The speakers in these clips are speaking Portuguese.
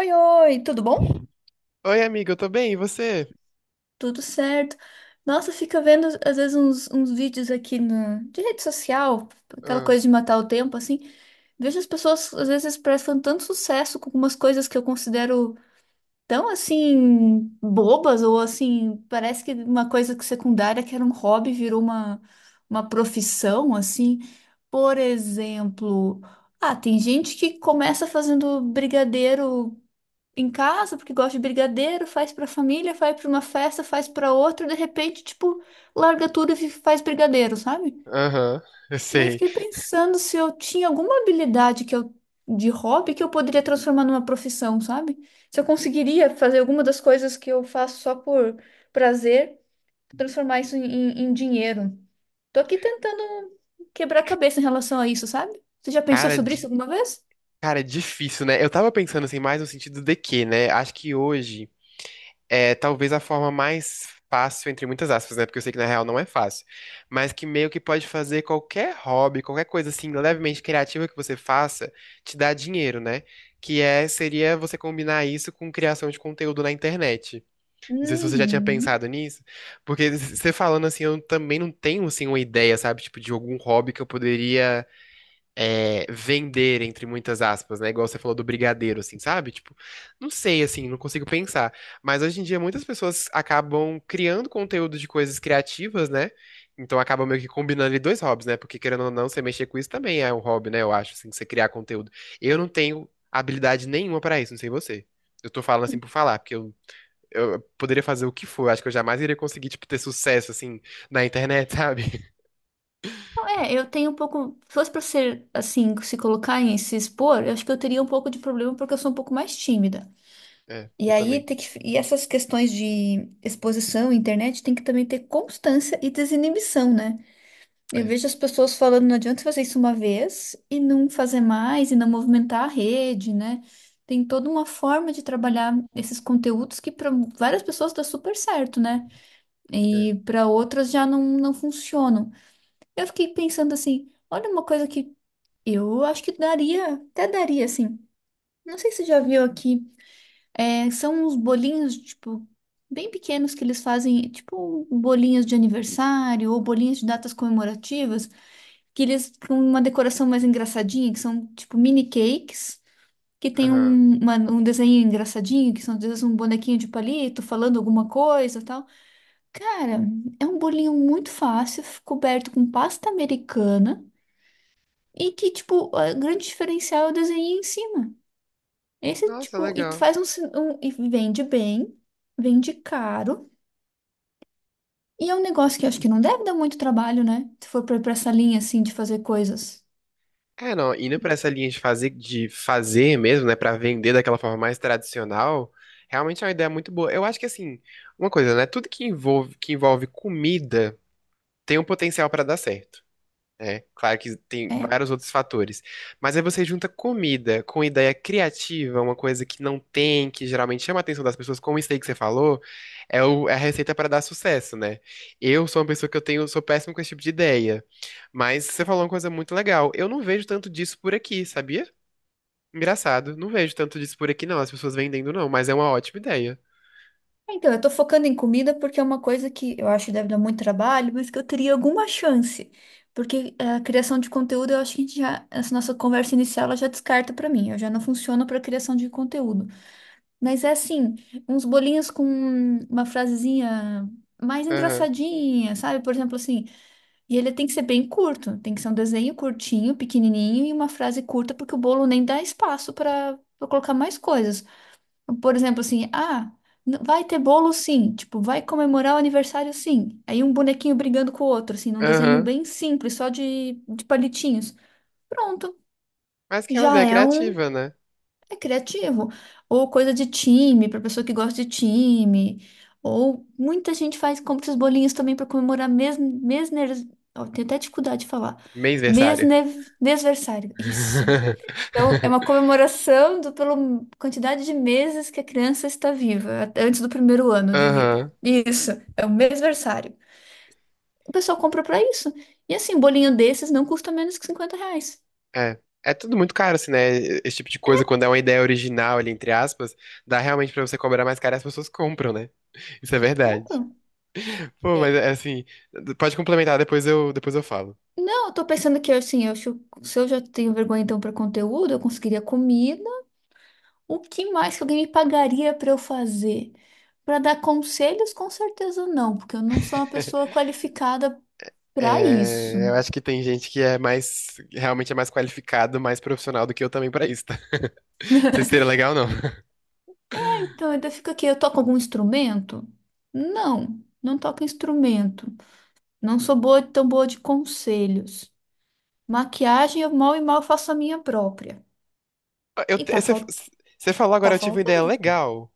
Oi, oi, tudo bom? Oi, amiga, eu tô bem, e você? Tudo certo. Nossa, fica vendo às vezes uns vídeos aqui no, de rede social, aquela Ah, coisa de matar o tempo, assim. Vejo as pessoas às vezes prestam tanto sucesso com algumas coisas que eu considero tão assim bobas, ou assim, parece que uma coisa que secundária que era um hobby virou uma profissão, assim. Por exemplo, ah, tem gente que começa fazendo brigadeiro em casa, porque gosta de brigadeiro, faz pra família, faz pra uma festa, faz pra outra, de repente, tipo, larga tudo e faz brigadeiro, sabe? aham, eu E aí sei. fiquei pensando se eu tinha alguma habilidade que eu de hobby que eu poderia transformar numa profissão, sabe? Se eu conseguiria fazer alguma das coisas que eu faço só por prazer, transformar isso em dinheiro. Tô aqui tentando quebrar a cabeça em relação a isso, sabe? Você já pensou Cara, sobre isso alguma vez? cara, é difícil, né? Eu tava pensando assim, mais no sentido de que, né? Acho que hoje é talvez a forma mais fácil, entre muitas aspas, né? Porque eu sei que na real não é fácil. Mas que meio que pode fazer qualquer hobby, qualquer coisa assim, levemente criativa que você faça, te dá dinheiro, né? Que é, seria você combinar isso com criação de conteúdo na internet. Não sei se você já tinha Uhum. pensado nisso, porque você falando assim, eu também não tenho assim uma ideia, sabe, tipo de algum hobby que eu poderia é, vender entre muitas aspas, né? Igual você falou do brigadeiro, assim, sabe? Tipo, não sei, assim, não consigo pensar. Mas hoje em dia muitas pessoas acabam criando conteúdo de coisas criativas, né? Então acaba meio que combinando ali dois hobbies, né? Porque querendo ou não, você mexer com isso também é um hobby, né? Eu acho, assim, você criar conteúdo. Eu não tenho habilidade nenhuma pra isso, não sei você. Eu tô falando assim por falar, porque eu poderia fazer o que for. Acho que eu jamais iria conseguir, tipo, ter sucesso, assim, na internet, sabe? É, eu tenho um pouco. Se fosse pra ser assim, se colocar em se expor, eu acho que eu teria um pouco de problema porque eu sou um pouco mais tímida. É, E eu aí também. E essas questões de exposição, internet, tem que também ter constância e desinibição, né? Eu É, vejo as pessoas falando, não adianta fazer isso uma vez e não fazer mais e não movimentar a rede, né? Tem toda uma forma de trabalhar esses conteúdos que para várias pessoas dá super certo, né? é. E para outras já não, não funcionam. Eu fiquei pensando assim, olha uma coisa que eu acho que daria, até daria, assim. Não sei se você já viu aqui. É, são uns bolinhos, tipo, bem pequenos que eles fazem, tipo, bolinhas de aniversário ou bolinhas de datas comemorativas, que eles com uma decoração mais engraçadinha, que são, tipo, mini cakes, que tem Aham. um desenho engraçadinho, que são, às vezes, um bonequinho de palito falando alguma coisa e tal. Cara, é um bolinho muito fácil, coberto com pasta americana. E que, tipo, o grande diferencial é o desenho em cima. Esse Nossa, tipo, e tu legal. faz um, e vende bem, vende caro, e é um negócio que eu acho que não deve dar muito trabalho, né? Se for pra essa linha assim de fazer coisas. É, não, indo pra essa linha de fazer mesmo, né, pra vender daquela forma mais tradicional, realmente é uma ideia muito boa. Eu acho que, assim, uma coisa, né, tudo que envolve comida tem um potencial pra dar certo. É, claro que tem É. vários outros fatores. Mas aí você junta comida com ideia criativa, uma coisa que não tem, que geralmente chama a atenção das pessoas, como isso aí que você falou, é, é a receita para dar sucesso, né? Eu sou uma pessoa que eu tenho, sou péssimo com esse tipo de ideia. Mas você falou uma coisa muito legal. Eu não vejo tanto disso por aqui, sabia? Engraçado. Não vejo tanto disso por aqui, não. As pessoas vendendo, não. Mas é uma ótima ideia. Então, eu tô focando em comida porque é uma coisa que eu acho que deve dar muito trabalho, mas que eu teria alguma chance. Porque a criação de conteúdo, eu acho que a gente já, essa nossa conversa inicial, ela já descarta pra mim. Eu já não funciono pra criação de conteúdo. Mas é assim, uns bolinhos com uma frasezinha mais Aham. engraçadinha, sabe? Por exemplo, assim, e ele tem que ser bem curto, tem que ser um desenho curtinho, pequenininho e uma frase curta, porque o bolo nem dá espaço para colocar mais coisas. Por exemplo, assim, ah, vai ter bolo sim, tipo, vai comemorar o aniversário sim. Aí um bonequinho brigando com o outro, assim, num desenho Aham. bem simples, só de palitinhos. Pronto, Mas que é uma já ideia é criativa, né? é criativo. Ou coisa de time, para pessoa que gosta de time. Ou muita gente faz, compra esses bolinhos também para comemorar ó, tenho até dificuldade de falar. Mêsversário. Mesne, mesversário. Isso. Então, é uma comemoração pela quantidade de meses que a criança está viva, até antes do primeiro ano de vida. Aham. Isso, é o mesversário. O pessoal compra para isso. E assim, um bolinho desses não custa menos que R$ 50. É. É tudo muito caro, assim, né? Esse tipo de coisa, quando é uma ideia original ali, entre aspas, dá realmente pra você cobrar mais caro e as pessoas compram, né? Isso é verdade. Compram. Pô, mas é, assim, pode complementar, depois eu falo. Não, eu tô pensando que assim, se eu já tenho vergonha então para conteúdo, eu conseguiria comida. O que mais que alguém me pagaria para eu fazer? Para dar conselhos, com certeza não, porque eu não sou uma pessoa qualificada para isso. É, eu acho que tem gente que é mais, realmente é mais qualificado, mais profissional do que eu também pra isso, tá? Vocês seria legal ou não? Então, ainda fica aqui, eu toco algum instrumento? Não, não toco instrumento. Não sou boa, tão boa de conselhos. Maquiagem, eu mal e mal faço a minha própria. Eu, E te- tá, você, você falou tá agora, eu tive uma ideia faltando. legal.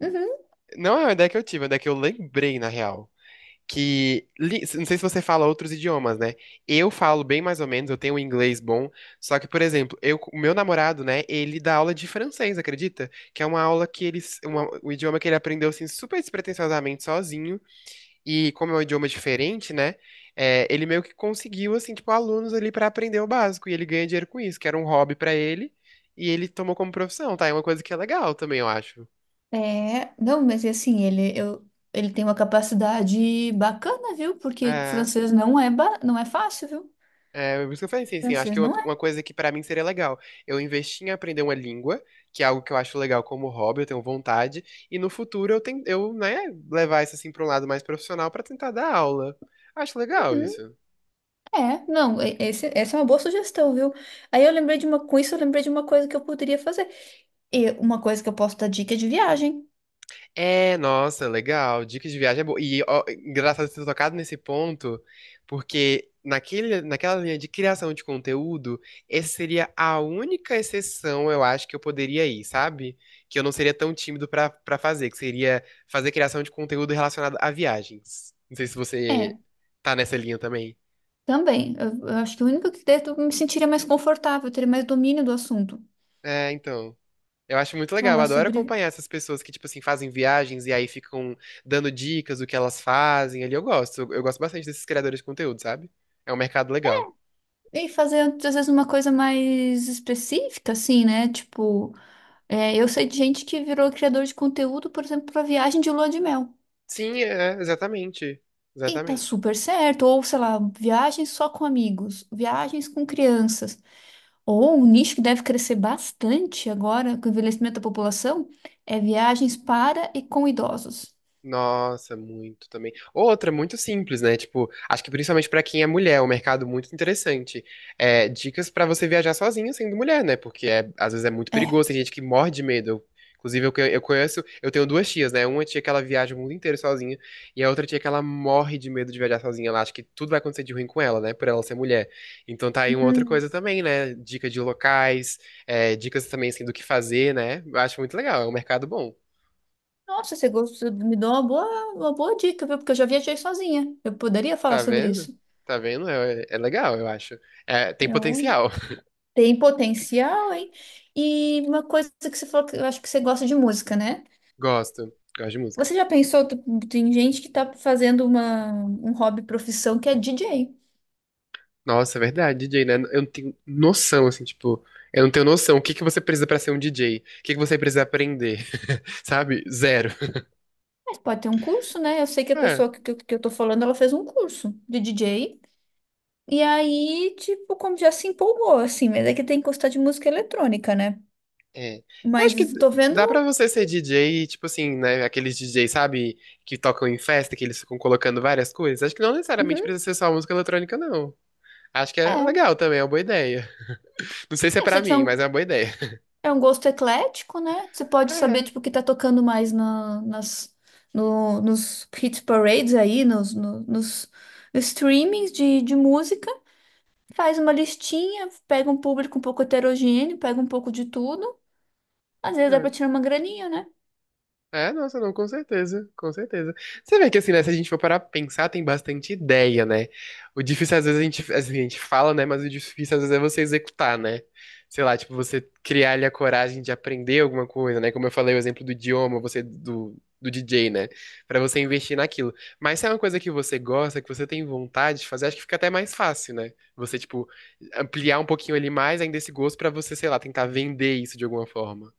Uhum. Não é uma ideia que eu tive, é uma ideia que eu lembrei, na real. Não sei se você fala outros idiomas, né? Eu falo bem mais ou menos, eu tenho um inglês bom, só que, por exemplo, eu, o meu namorado, né, ele dá aula de francês, acredita? Que é uma aula que ele, um idioma que ele aprendeu assim super despretensiosamente sozinho, e como é um idioma diferente, né? É, ele meio que conseguiu assim, tipo, alunos ali pra aprender o básico, e ele ganha dinheiro com isso, que era um hobby pra ele, e ele tomou como profissão, tá? É uma coisa que é legal também, eu acho. É, não, mas e assim, ele tem uma capacidade bacana, viu? Porque É. francês não é, não é fácil, viu? É, por isso que eu falei, assim sim. Acho Francês que uma não é. uma coisa que pra mim seria legal. Eu investir em aprender uma língua, que é algo que eu acho legal como hobby, eu tenho vontade, e no futuro eu tenho, eu, né, levar isso assim pra um lado mais profissional pra tentar dar aula. Acho legal Uhum, isso. é, não, essa é uma boa sugestão, viu? Aí eu lembrei de uma, com isso eu lembrei de uma coisa que eu poderia fazer. E uma coisa que eu posso dar dica é de viagem. É, nossa, legal. Dicas de viagem é boa. E ó, engraçado você ter tocado nesse ponto, porque naquela linha de criação de conteúdo, essa seria a única exceção, eu acho, que eu poderia ir, sabe? Que eu não seria tão tímido pra para fazer, que seria fazer criação de conteúdo relacionado a viagens. Não sei se você É, tá nessa linha também. também. Eu acho que o único que daí eu me sentiria mais confortável, eu teria mais domínio do assunto. É, então. Eu acho muito legal, eu Falar adoro sobre. acompanhar essas pessoas que, tipo assim, fazem viagens e aí ficam dando dicas do que elas fazem ali. Eu gosto bastante desses criadores de conteúdo, sabe? É um mercado legal. E fazer, às vezes, uma coisa mais específica, assim, né? Tipo. É, eu sei de gente que virou criador de conteúdo, por exemplo, para viagem de lua de mel. Sim, é, exatamente. E tá Exatamente. super certo. Ou, sei lá, viagens só com amigos, viagens com crianças. Ou um nicho que deve crescer bastante agora com o envelhecimento da população é viagens para e com idosos. Nossa, muito também. Outra, muito simples, né? Tipo, acho que principalmente pra quem é mulher, é um mercado muito interessante. É, dicas pra você viajar sozinha sendo mulher, né? Porque é, às vezes é muito perigoso, É. tem gente que morre de medo. Inclusive, eu, eu conheço, eu tenho duas tias, né? Uma tia que ela viaja o mundo inteiro sozinha, e a outra tia que ela morre de medo de viajar sozinha. Ela acha que tudo vai acontecer de ruim com ela, né? Por ela ser mulher. Então tá aí uma outra Hum. coisa também, né? Dica de locais, é, dicas também assim, do que fazer, né? Eu acho muito legal, é um mercado bom. Nossa, você gostou, me deu uma boa dica, viu? Porque eu já viajei sozinha. Eu poderia falar Tá sobre vendo? isso. Tá vendo? É, é legal, eu acho. É, tem Então, potencial. tem potencial, hein? E uma coisa que você falou que eu acho que você gosta de música, né? Gosto. Gosto de música. Você já pensou, tem gente que tá fazendo uma, hobby profissão que é DJ. Nossa, é verdade, DJ, né? Eu não tenho noção, assim, tipo, eu não tenho noção. O que que você precisa pra ser um DJ? O que que você precisa aprender? Sabe? Zero. Mas pode ter um curso, né? Eu sei que a Ah, pessoa que eu tô falando, ela fez um curso de DJ. E aí, tipo, como já se empolgou, assim, mas é que tem que gostar de música eletrônica, né? é. Eu acho que Mas tô vendo. dá pra você ser DJ, tipo assim, né? Aqueles DJs, sabe? Que tocam em festa, que eles ficam colocando várias coisas. Acho que não necessariamente Uhum, precisa ser só música eletrônica, não. Acho que é. é legal também, é uma boa ideia. Não sei se é É, você pra tiver mim, mas é uma boa ideia. é um gosto eclético, né? Você pode saber, tipo, o que tá tocando mais na, nas, no, nos hit parades aí, nos, no- nos, nos streamings de música. Faz uma listinha, pega um público um pouco heterogêneo, pega um pouco de tudo. Às vezes É, dá pra é. tirar uma graninha, né? É, nossa, não, com certeza, com certeza. Você vê que assim, né, se a gente for parar pra pensar, tem bastante ideia, né? O difícil às vezes a gente, assim, a gente fala, né, mas o difícil às vezes é você executar, né? Sei lá, tipo, você criar ali a coragem de aprender alguma coisa, né? Como eu falei, o exemplo do idioma, você do DJ, né? Pra você investir naquilo. Mas se é uma coisa que você gosta, que você tem vontade de fazer, acho que fica até mais fácil, né? Você, tipo, ampliar um pouquinho ali mais ainda esse gosto pra você, sei lá, tentar vender isso de alguma forma.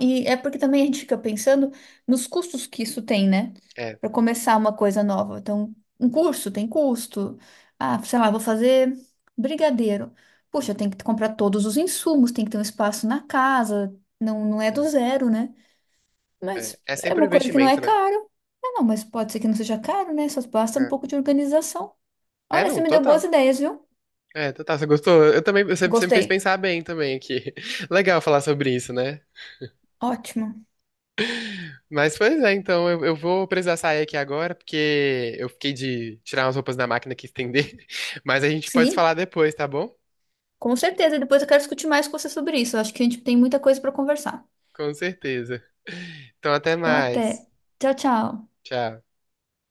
E é porque também a gente fica pensando nos custos que isso tem, né? É, Para começar uma coisa nova. Então, um curso tem custo. Ah, sei lá, vou fazer brigadeiro. Puxa, tem que comprar todos os insumos, tem que ter um espaço na casa. Não, não é é, do zero, né? é. Mas É é sempre um uma coisa que não é investimento, né? caro. Ah, não, mas pode ser que não seja caro, né? Só basta um É, pouco de organização. é, Olha, você não, me deu boas total. ideias, viu? É, total, você gostou? Eu também, você me fez Gostei. pensar bem também aqui. Legal falar sobre isso, né? Ótimo. Mas, pois é, então, eu vou precisar sair aqui agora, porque eu fiquei de tirar umas roupas da máquina que estender, mas a gente pode se Sim, falar depois, tá bom? com certeza. E depois eu quero discutir mais com você sobre isso. Eu acho que a gente tem muita coisa para conversar. Com certeza. Então, até Então, até. mais. Tchau, tchau. Tchau.